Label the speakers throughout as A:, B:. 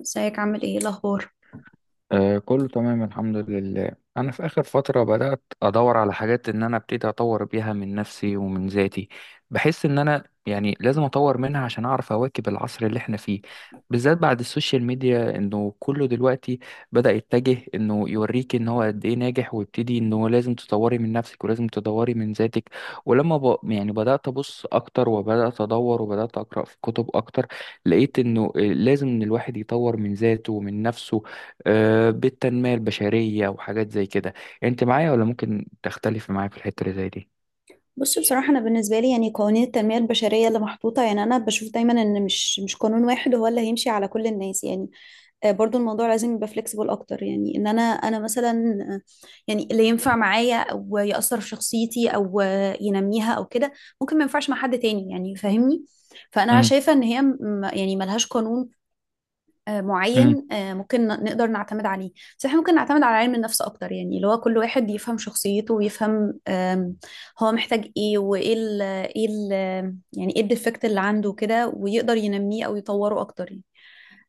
A: ازيك؟ عامل ايه؟ الاخبار؟
B: آه كله تمام الحمد لله. انا في اخر فتره بدات ادور على حاجات ان انا ابتدي اطور بيها من نفسي ومن ذاتي. بحس ان انا يعني لازم اطور منها عشان اعرف اواكب العصر اللي احنا فيه، بالذات بعد السوشيال ميديا انه كله دلوقتي بدا يتجه انه يوريك ان هو قد ايه ناجح، ويبتدي انه لازم تطوري من نفسك ولازم تدوري من ذاتك. ولما يعني بدات ابص اكتر وبدات ادور وبدات اقرا في كتب اكتر، لقيت انه لازم إن الواحد يطور من ذاته ومن نفسه، بالتنمية البشرية وحاجات زي كده. انت معايا ولا ممكن تختلف معايا في الحتة اللي زي دي؟
A: بص، بصراحة أنا بالنسبة لي يعني قوانين التنمية البشرية اللي محطوطة، يعني أنا بشوف دايما إن مش قانون واحد هو اللي هيمشي على كل الناس. يعني برضو الموضوع لازم يبقى فليكسيبل أكتر، يعني إن أنا مثلا، آه، يعني اللي ينفع معايا أو يأثر في شخصيتي أو ينميها أو كده، ممكن ما ينفعش مع حد تاني. يعني فاهمني؟ فأنا
B: امم،
A: شايفة إن هي يعني ملهاش قانون معين ممكن نقدر نعتمد عليه. بس احنا ممكن نعتمد على علم النفس اكتر، يعني اللي هو كل واحد يفهم شخصيته ويفهم هو محتاج ايه، وايه ال ايه ال يعني ايه الديفكت اللي عنده كده، ويقدر ينميه او يطوره اكتر. يعني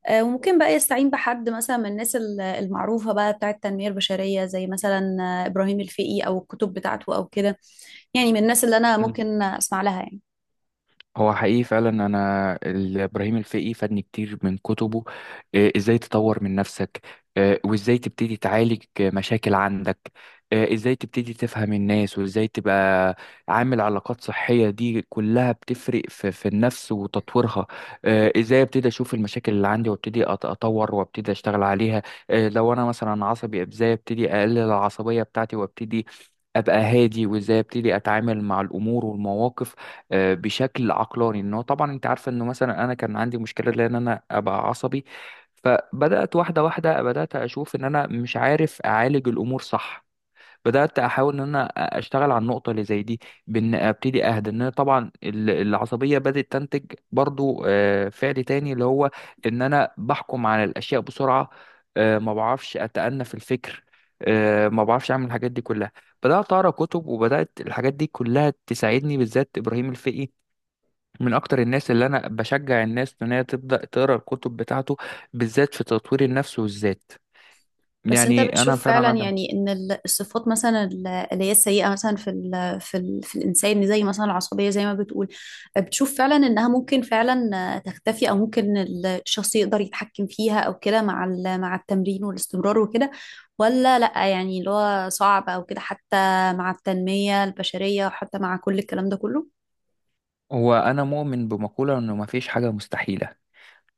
A: وممكن بقى يستعين بحد مثلا من الناس المعروفة بقى بتاعة التنمية البشرية، زي مثلا إبراهيم الفقي، أو الكتب بتاعته أو كده، يعني من الناس اللي أنا
B: امم.
A: ممكن أسمع لها يعني.
B: هو حقيقي فعلا انا ابراهيم الفقي فادني كتير من كتبه. ازاي تطور من نفسك، وازاي تبتدي تعالج مشاكل عندك، ازاي تبتدي تفهم الناس وازاي تبقى عامل علاقات صحية، دي كلها بتفرق في النفس وتطويرها. ازاي ابتدي اشوف المشاكل اللي عندي وابتدي اطور وابتدي اشتغل عليها. لو انا مثلا عصبي ازاي ابتدي اقلل العصبية بتاعتي وابتدي ابقى هادي، وازاي ابتدي اتعامل مع الامور والمواقف بشكل عقلاني. ان هو طبعا انت عارفه انه مثلا انا كان عندي مشكله لان انا ابقى عصبي. فبدات واحده واحده، بدات اشوف ان انا مش عارف اعالج الامور صح. بدات احاول ان انا اشتغل على النقطه اللي زي دي، بان ابتدي اهدى. ان أنا طبعا العصبيه بدات تنتج برضو فعل تاني اللي هو ان انا بحكم على الاشياء بسرعه، ما بعرفش اتأنى في الفكر، ما بعرفش اعمل الحاجات دي كلها. بدات اقرا كتب، وبدات الحاجات دي كلها تساعدني، بالذات ابراهيم الفقي من اكتر الناس اللي انا بشجع الناس ان هي تبدا تقرا الكتب بتاعته، بالذات في تطوير النفس والذات.
A: بس انت
B: يعني انا
A: بتشوف فعلا
B: فعلا ادم.
A: يعني ان الصفات مثلا اللي هي السيئه مثلا في الانسان، زي مثلا العصبيه زي ما بتقول، بتشوف فعلا انها ممكن فعلا تختفي، او ممكن الشخص يقدر يتحكم فيها او كده مع مع التمرين والاستمرار وكده، ولا لا؟ يعني اللي هو صعب او كده، حتى مع التنميه البشريه وحتى مع كل الكلام ده كله.
B: هو انا مؤمن بمقوله انه مفيش حاجه مستحيله،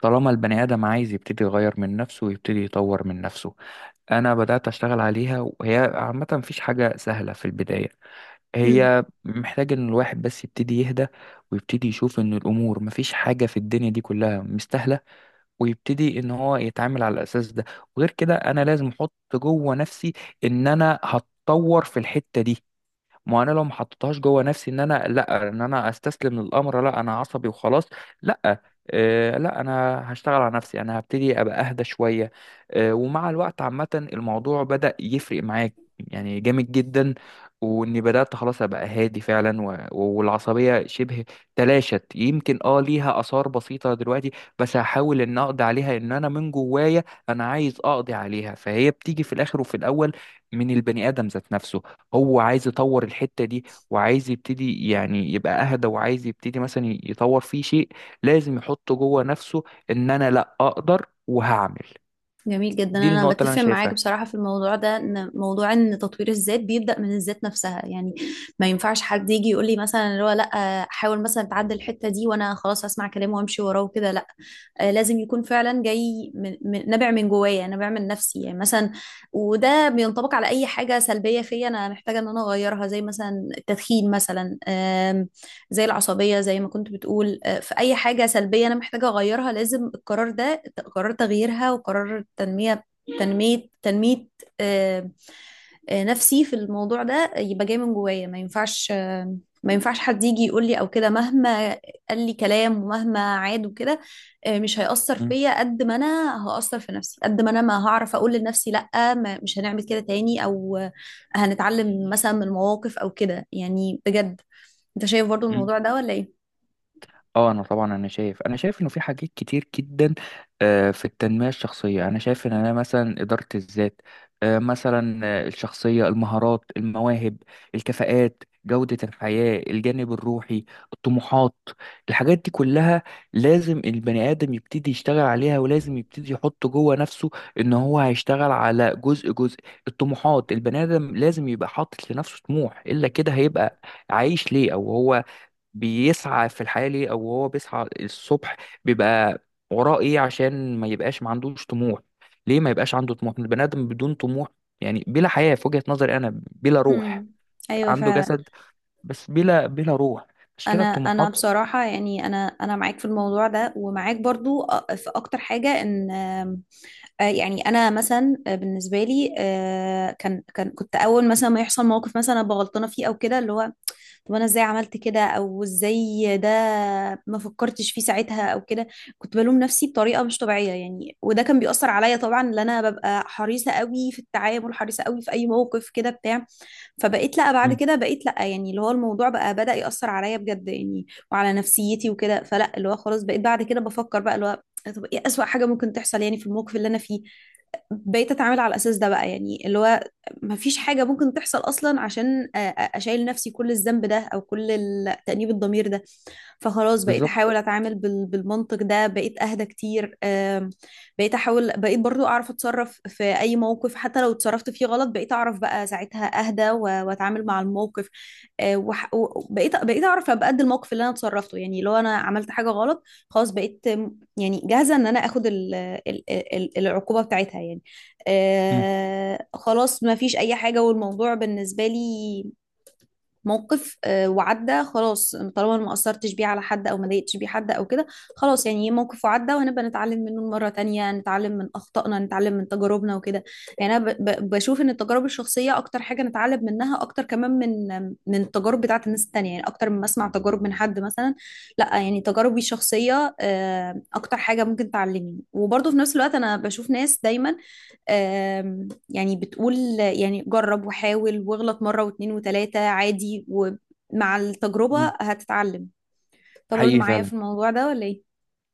B: طالما البني ادم عايز يبتدي يغير من نفسه ويبتدي يطور من نفسه. انا بدات اشتغل عليها، وهي عامه مفيش حاجه سهله في البدايه، هي محتاج ان الواحد بس يبتدي يهدى ويبتدي يشوف ان الامور مفيش حاجه في الدنيا دي كلها مستاهله، ويبتدي ان هو يتعامل على الاساس ده. وغير كده انا لازم احط جوه نفسي ان انا هتطور في الحتة دي. ما انا لو ما حطيتهاش جوه نفسي ان انا لا، ان انا استسلم للامر، لا انا عصبي وخلاص، لا. لا انا هشتغل على نفسي، انا هبتدي ابقى اهدى شويه. ومع الوقت عامه الموضوع بدأ يفرق معاك يعني جامد جدا، واني بدأت خلاص ابقى هادي فعلا والعصبيه شبه تلاشت، يمكن ليها اثار بسيطه دلوقتي، بس هحاول ان اقضي عليها، ان انا من جوايا انا عايز اقضي عليها. فهي بتيجي في الاخر وفي الاول من البني ادم ذات نفسه، هو عايز يطور الحتة دي، وعايز يبتدي يعني يبقى أهدى، وعايز يبتدي مثلا يطور فيه شيء. لازم يحط جوه نفسه إن أنا لأ، أقدر وهعمل.
A: جميل جدا.
B: دي
A: انا
B: النقطة اللي أنا
A: بتفق معاك
B: شايفها.
A: بصراحه في الموضوع ده، ان موضوع ان تطوير الذات بيبدا من الذات نفسها يعني. ما ينفعش حد يجي يقول لي مثلا اللي هو لا حاول مثلا تعدل الحته دي، وانا خلاص اسمع كلامه وامشي وراه وكده. لا، لازم يكون فعلا جاي من نابع من جوايا، نابع من نفسي يعني مثلا. وده بينطبق على اي حاجه سلبيه فيا انا محتاجه ان انا اغيرها، زي مثلا التدخين مثلا، زي العصبيه زي ما كنت بتقول. في اي حاجه سلبيه انا محتاجه اغيرها، لازم القرار ده، قرار تغييرها وقرار تنميه آه، نفسي في الموضوع ده يبقى جاي من جوايا. ما ينفعش ما ينفعش حد يجي يقول لي او كده، مهما قال لي كلام ومهما عاد وكده، مش هيأثر فيا قد ما انا هأثر في نفسي، قد ما انا ما هعرف اقول لنفسي لأ ما مش هنعمل كده تاني، او هنتعلم مثلا من المواقف او كده يعني بجد. انت شايف برضو
B: م-
A: الموضوع ده ولا ايه؟
B: اه انا طبعا انا شايف انه في حاجات كتير جدا في التنميه الشخصيه، انا شايف ان انا مثلا اداره الذات، مثلا الشخصيه، المهارات، المواهب، الكفاءات، جوده الحياه، الجانب الروحي، الطموحات. الحاجات دي كلها لازم البني ادم يبتدي يشتغل عليها، ولازم يبتدي يحط جوه نفسه ان هو هيشتغل على جزء جزء. الطموحات، البني ادم لازم يبقى حاطط لنفسه طموح، الا كده هيبقى عايش ليه، او هو بيسعى في الحياة ليه، أو هو بيسعى الصبح بيبقى وراه إيه، عشان ما يبقاش ما عندوش طموح. ليه ما يبقاش عنده طموح؟ البني آدم بدون طموح يعني بلا حياة، في وجهة نظري أنا بلا روح،
A: امم، ايوه
B: عنده
A: فعلا.
B: جسد بس بلا روح. مش كده
A: انا
B: الطموحات؟
A: بصراحه يعني انا معاك في الموضوع ده، ومعاك برضو في اكتر حاجه ان آم، آه، يعني انا مثلا، بالنسبه لي كان كنت اول مثلا ما يحصل موقف مثلا أنا بغلطانه فيه او كده، اللي هو طب انا ازاي عملت كده، او ازاي ده، ما فكرتش فيه ساعتها او كده. كنت بلوم نفسي بطريقه مش طبيعيه يعني، وده كان بيأثر عليا طبعا، ان انا ببقى حريصه قوي في التعامل، حريصه قوي في اي موقف كده بتاع. فبقيت لا بعد
B: مم.
A: كده، بقيت لا يعني اللي هو الموضوع بقى بدأ يأثر عليا بجد يعني، وعلى نفسيتي وكده. فلا اللي هو خلاص بقيت بعد كده بفكر بقى اللي هو طب ايه أسوأ حاجة ممكن تحصل يعني في الموقف اللي انا فيه. بقيت اتعامل على الاساس ده بقى، يعني اللي هو ما فيش حاجه ممكن تحصل اصلا، عشان اشيل نفسي كل الذنب ده او كل تأنيب الضمير ده. فخلاص بقيت
B: بالظبط.
A: احاول اتعامل بالمنطق ده، بقيت اهدى كتير. بقيت احاول، بقيت برضو اعرف اتصرف في اي موقف، حتى لو اتصرفت فيه غلط بقيت اعرف بقى ساعتها اهدى و- واتعامل مع الموقف. وبقيت بقيت اعرف ابقى قد الموقف اللي انا اتصرفته يعني. لو انا عملت حاجة غلط، خلاص بقيت يعني جاهزة ان انا اخد العقوبة بتاعتها يعني.
B: مم.
A: آه خلاص، ما فيش اي حاجة، والموضوع بالنسبة لي موقف وعدى خلاص، طالما أنا ما أثرتش بيه على حد أو ما ضايقتش بيه حد أو كده. خلاص يعني موقف وعدى، وهنبقى نتعلم منه مرة تانية، نتعلم من أخطائنا، نتعلم من تجاربنا وكده. يعني أنا بشوف إن التجارب الشخصية أكتر حاجة نتعلم منها، أكتر كمان من من التجارب بتاعت الناس التانية، يعني أكتر من ما أسمع تجارب من حد مثلا. لا، يعني تجاربي الشخصية أكتر حاجة ممكن تعلمني. وبرضه في نفس الوقت أنا بشوف ناس دايما يعني بتقول يعني جرب وحاول واغلط مرة واتنين وتلاتة عادي، ومع التجربة
B: مم.
A: هتتعلم. طب برضه
B: حقيقي
A: معايا
B: فعلا.
A: في الموضوع ده ولا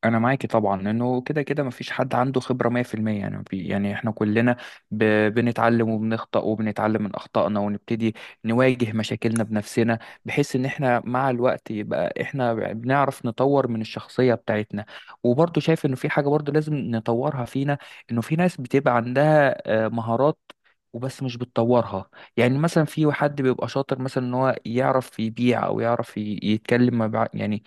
B: انا معاكي طبعا لانه كده كده مفيش حد عنده خبره 100%، يعني يعني احنا كلنا ب... بنتعلم وبنخطأ وبنتعلم من اخطائنا، ونبتدي نواجه مشاكلنا بنفسنا، بحيث ان احنا مع الوقت يبقى احنا بنعرف نطور من الشخصيه بتاعتنا. وبرضه شايف انه في حاجه برضه لازم نطورها فينا، انه في ناس بتبقى عندها مهارات وبس مش بتطورها. يعني مثلا في حد بيبقى شاطر مثلا ان هو يعرف يبيع او يعرف يتكلم مع، يعني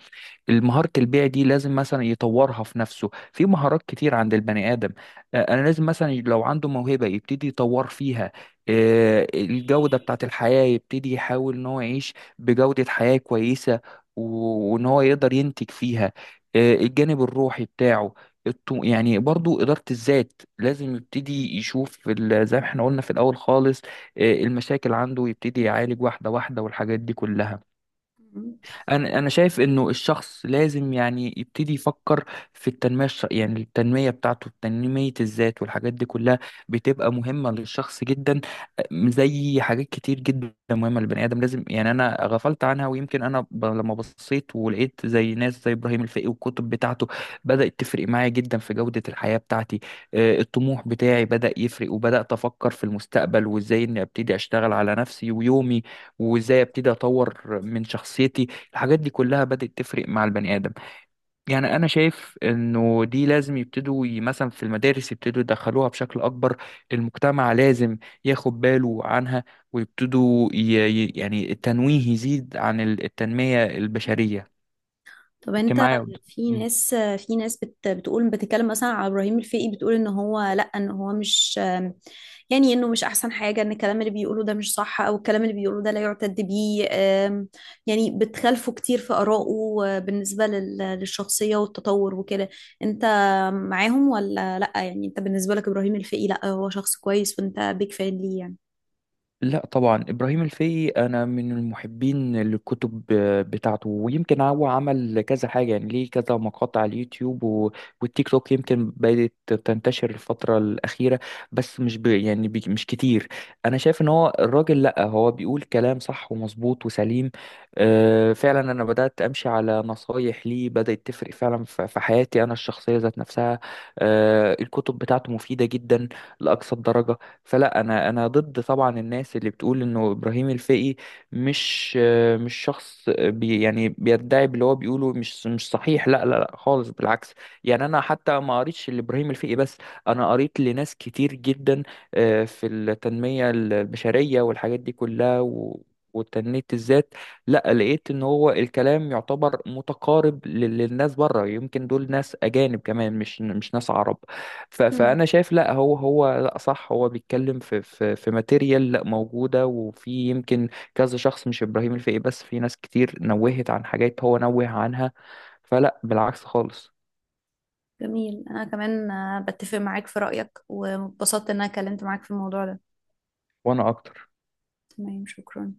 B: مهارة البيع دي لازم مثلا يطورها في نفسه. في مهارات كتير عند البني آدم. أنا لازم مثلا لو عنده موهبة يبتدي يطور فيها، الجودة بتاعت الحياة يبتدي يحاول إن هو يعيش بجودة حياة كويسة، وإن هو يقدر ينتج فيها، الجانب الروحي بتاعه. يعني برضو إدارة الذات لازم يبتدي يشوف زي ما احنا قلنا في الأول خالص، المشاكل عنده يبتدي يعالج واحدة واحدة، والحاجات دي كلها.
A: ايه؟
B: انا شايف انه الشخص لازم يعني يبتدي يفكر في التنميه يعني التنميه بتاعته، تنميه الذات والحاجات دي كلها بتبقى مهمه للشخص جدا. زي حاجات كتير جدا مهمه للبني ادم، لازم يعني انا غفلت عنها، ويمكن انا لما بصيت ولقيت زي ناس زي ابراهيم الفقي والكتب بتاعته، بدات تفرق معايا جدا في جوده الحياه بتاعتي. الطموح بتاعي بدا يفرق، وبدات افكر في المستقبل وازاي اني ابتدي اشتغل على نفسي ويومي، وازاي ابتدي اطور من شخصيتي. الحاجات دي كلها بدأت تفرق مع البني آدم. يعني أنا شايف إنه دي لازم يبتدوا مثلا في المدارس يبتدوا يدخلوها بشكل أكبر، المجتمع لازم ياخد باله عنها، ويبتدوا يعني التنويه يزيد عن التنمية البشرية.
A: طب
B: أنت
A: انت،
B: معايا؟
A: في ناس في ناس بتقول بتتكلم مثلا على ابراهيم الفقي، بتقول ان هو لا، ان هو مش يعني انه مش احسن حاجه، ان الكلام اللي بيقوله ده مش صح، او الكلام اللي بيقوله ده لا يعتد بيه. يعني بتخالفه كتير في ارائه اه، بالنسبه للشخصيه والتطور وكده. انت معاهم ولا لا؟ يعني انت بالنسبه لك ابراهيم الفقي لا هو شخص كويس وانت بيك فان ليه يعني؟
B: لا طبعا، ابراهيم الفقي انا من المحبين للكتب بتاعته، ويمكن هو عمل كذا حاجه، يعني ليه كذا مقاطع على اليوتيوب والتيك توك، يمكن بدات تنتشر الفتره الاخيره، بس مش مش كتير. انا شايف ان هو الراجل لا، هو بيقول كلام صح ومظبوط وسليم. أه فعلا انا بدات امشي على نصايح ليه، بدات تفرق فعلا في حياتي انا الشخصيه ذات نفسها. أه الكتب بتاعته مفيده جدا لاقصى الدرجه. فلا انا ضد طبعا الناس اللي بتقول انه ابراهيم الفقي مش شخص بي يعني بيدعي باللي هو بيقوله، مش صحيح، لا لا لا خالص، بالعكس. يعني انا حتى ما قريتش لابراهيم الفقي بس، انا قريت لناس كتير جدا في التنمية البشرية والحاجات دي كلها وتنمية الذات. لا لقيت ان هو الكلام يعتبر متقارب للناس بره، يمكن دول ناس اجانب كمان، مش ناس عرب. فانا
A: مم.
B: شايف لا، هو لا صح، هو بيتكلم في ماتيريال لا موجوده، وفي يمكن كذا شخص مش ابراهيم الفقي بس، في ناس كتير نوهت عن حاجات هو نوه عنها. فلا، بالعكس خالص.
A: جميل. انا كمان بتفق معاك في رايك، واتبسطت ان انا اتكلمت معاك في الموضوع ده.
B: وانا اكتر.
A: تمام، شكرا.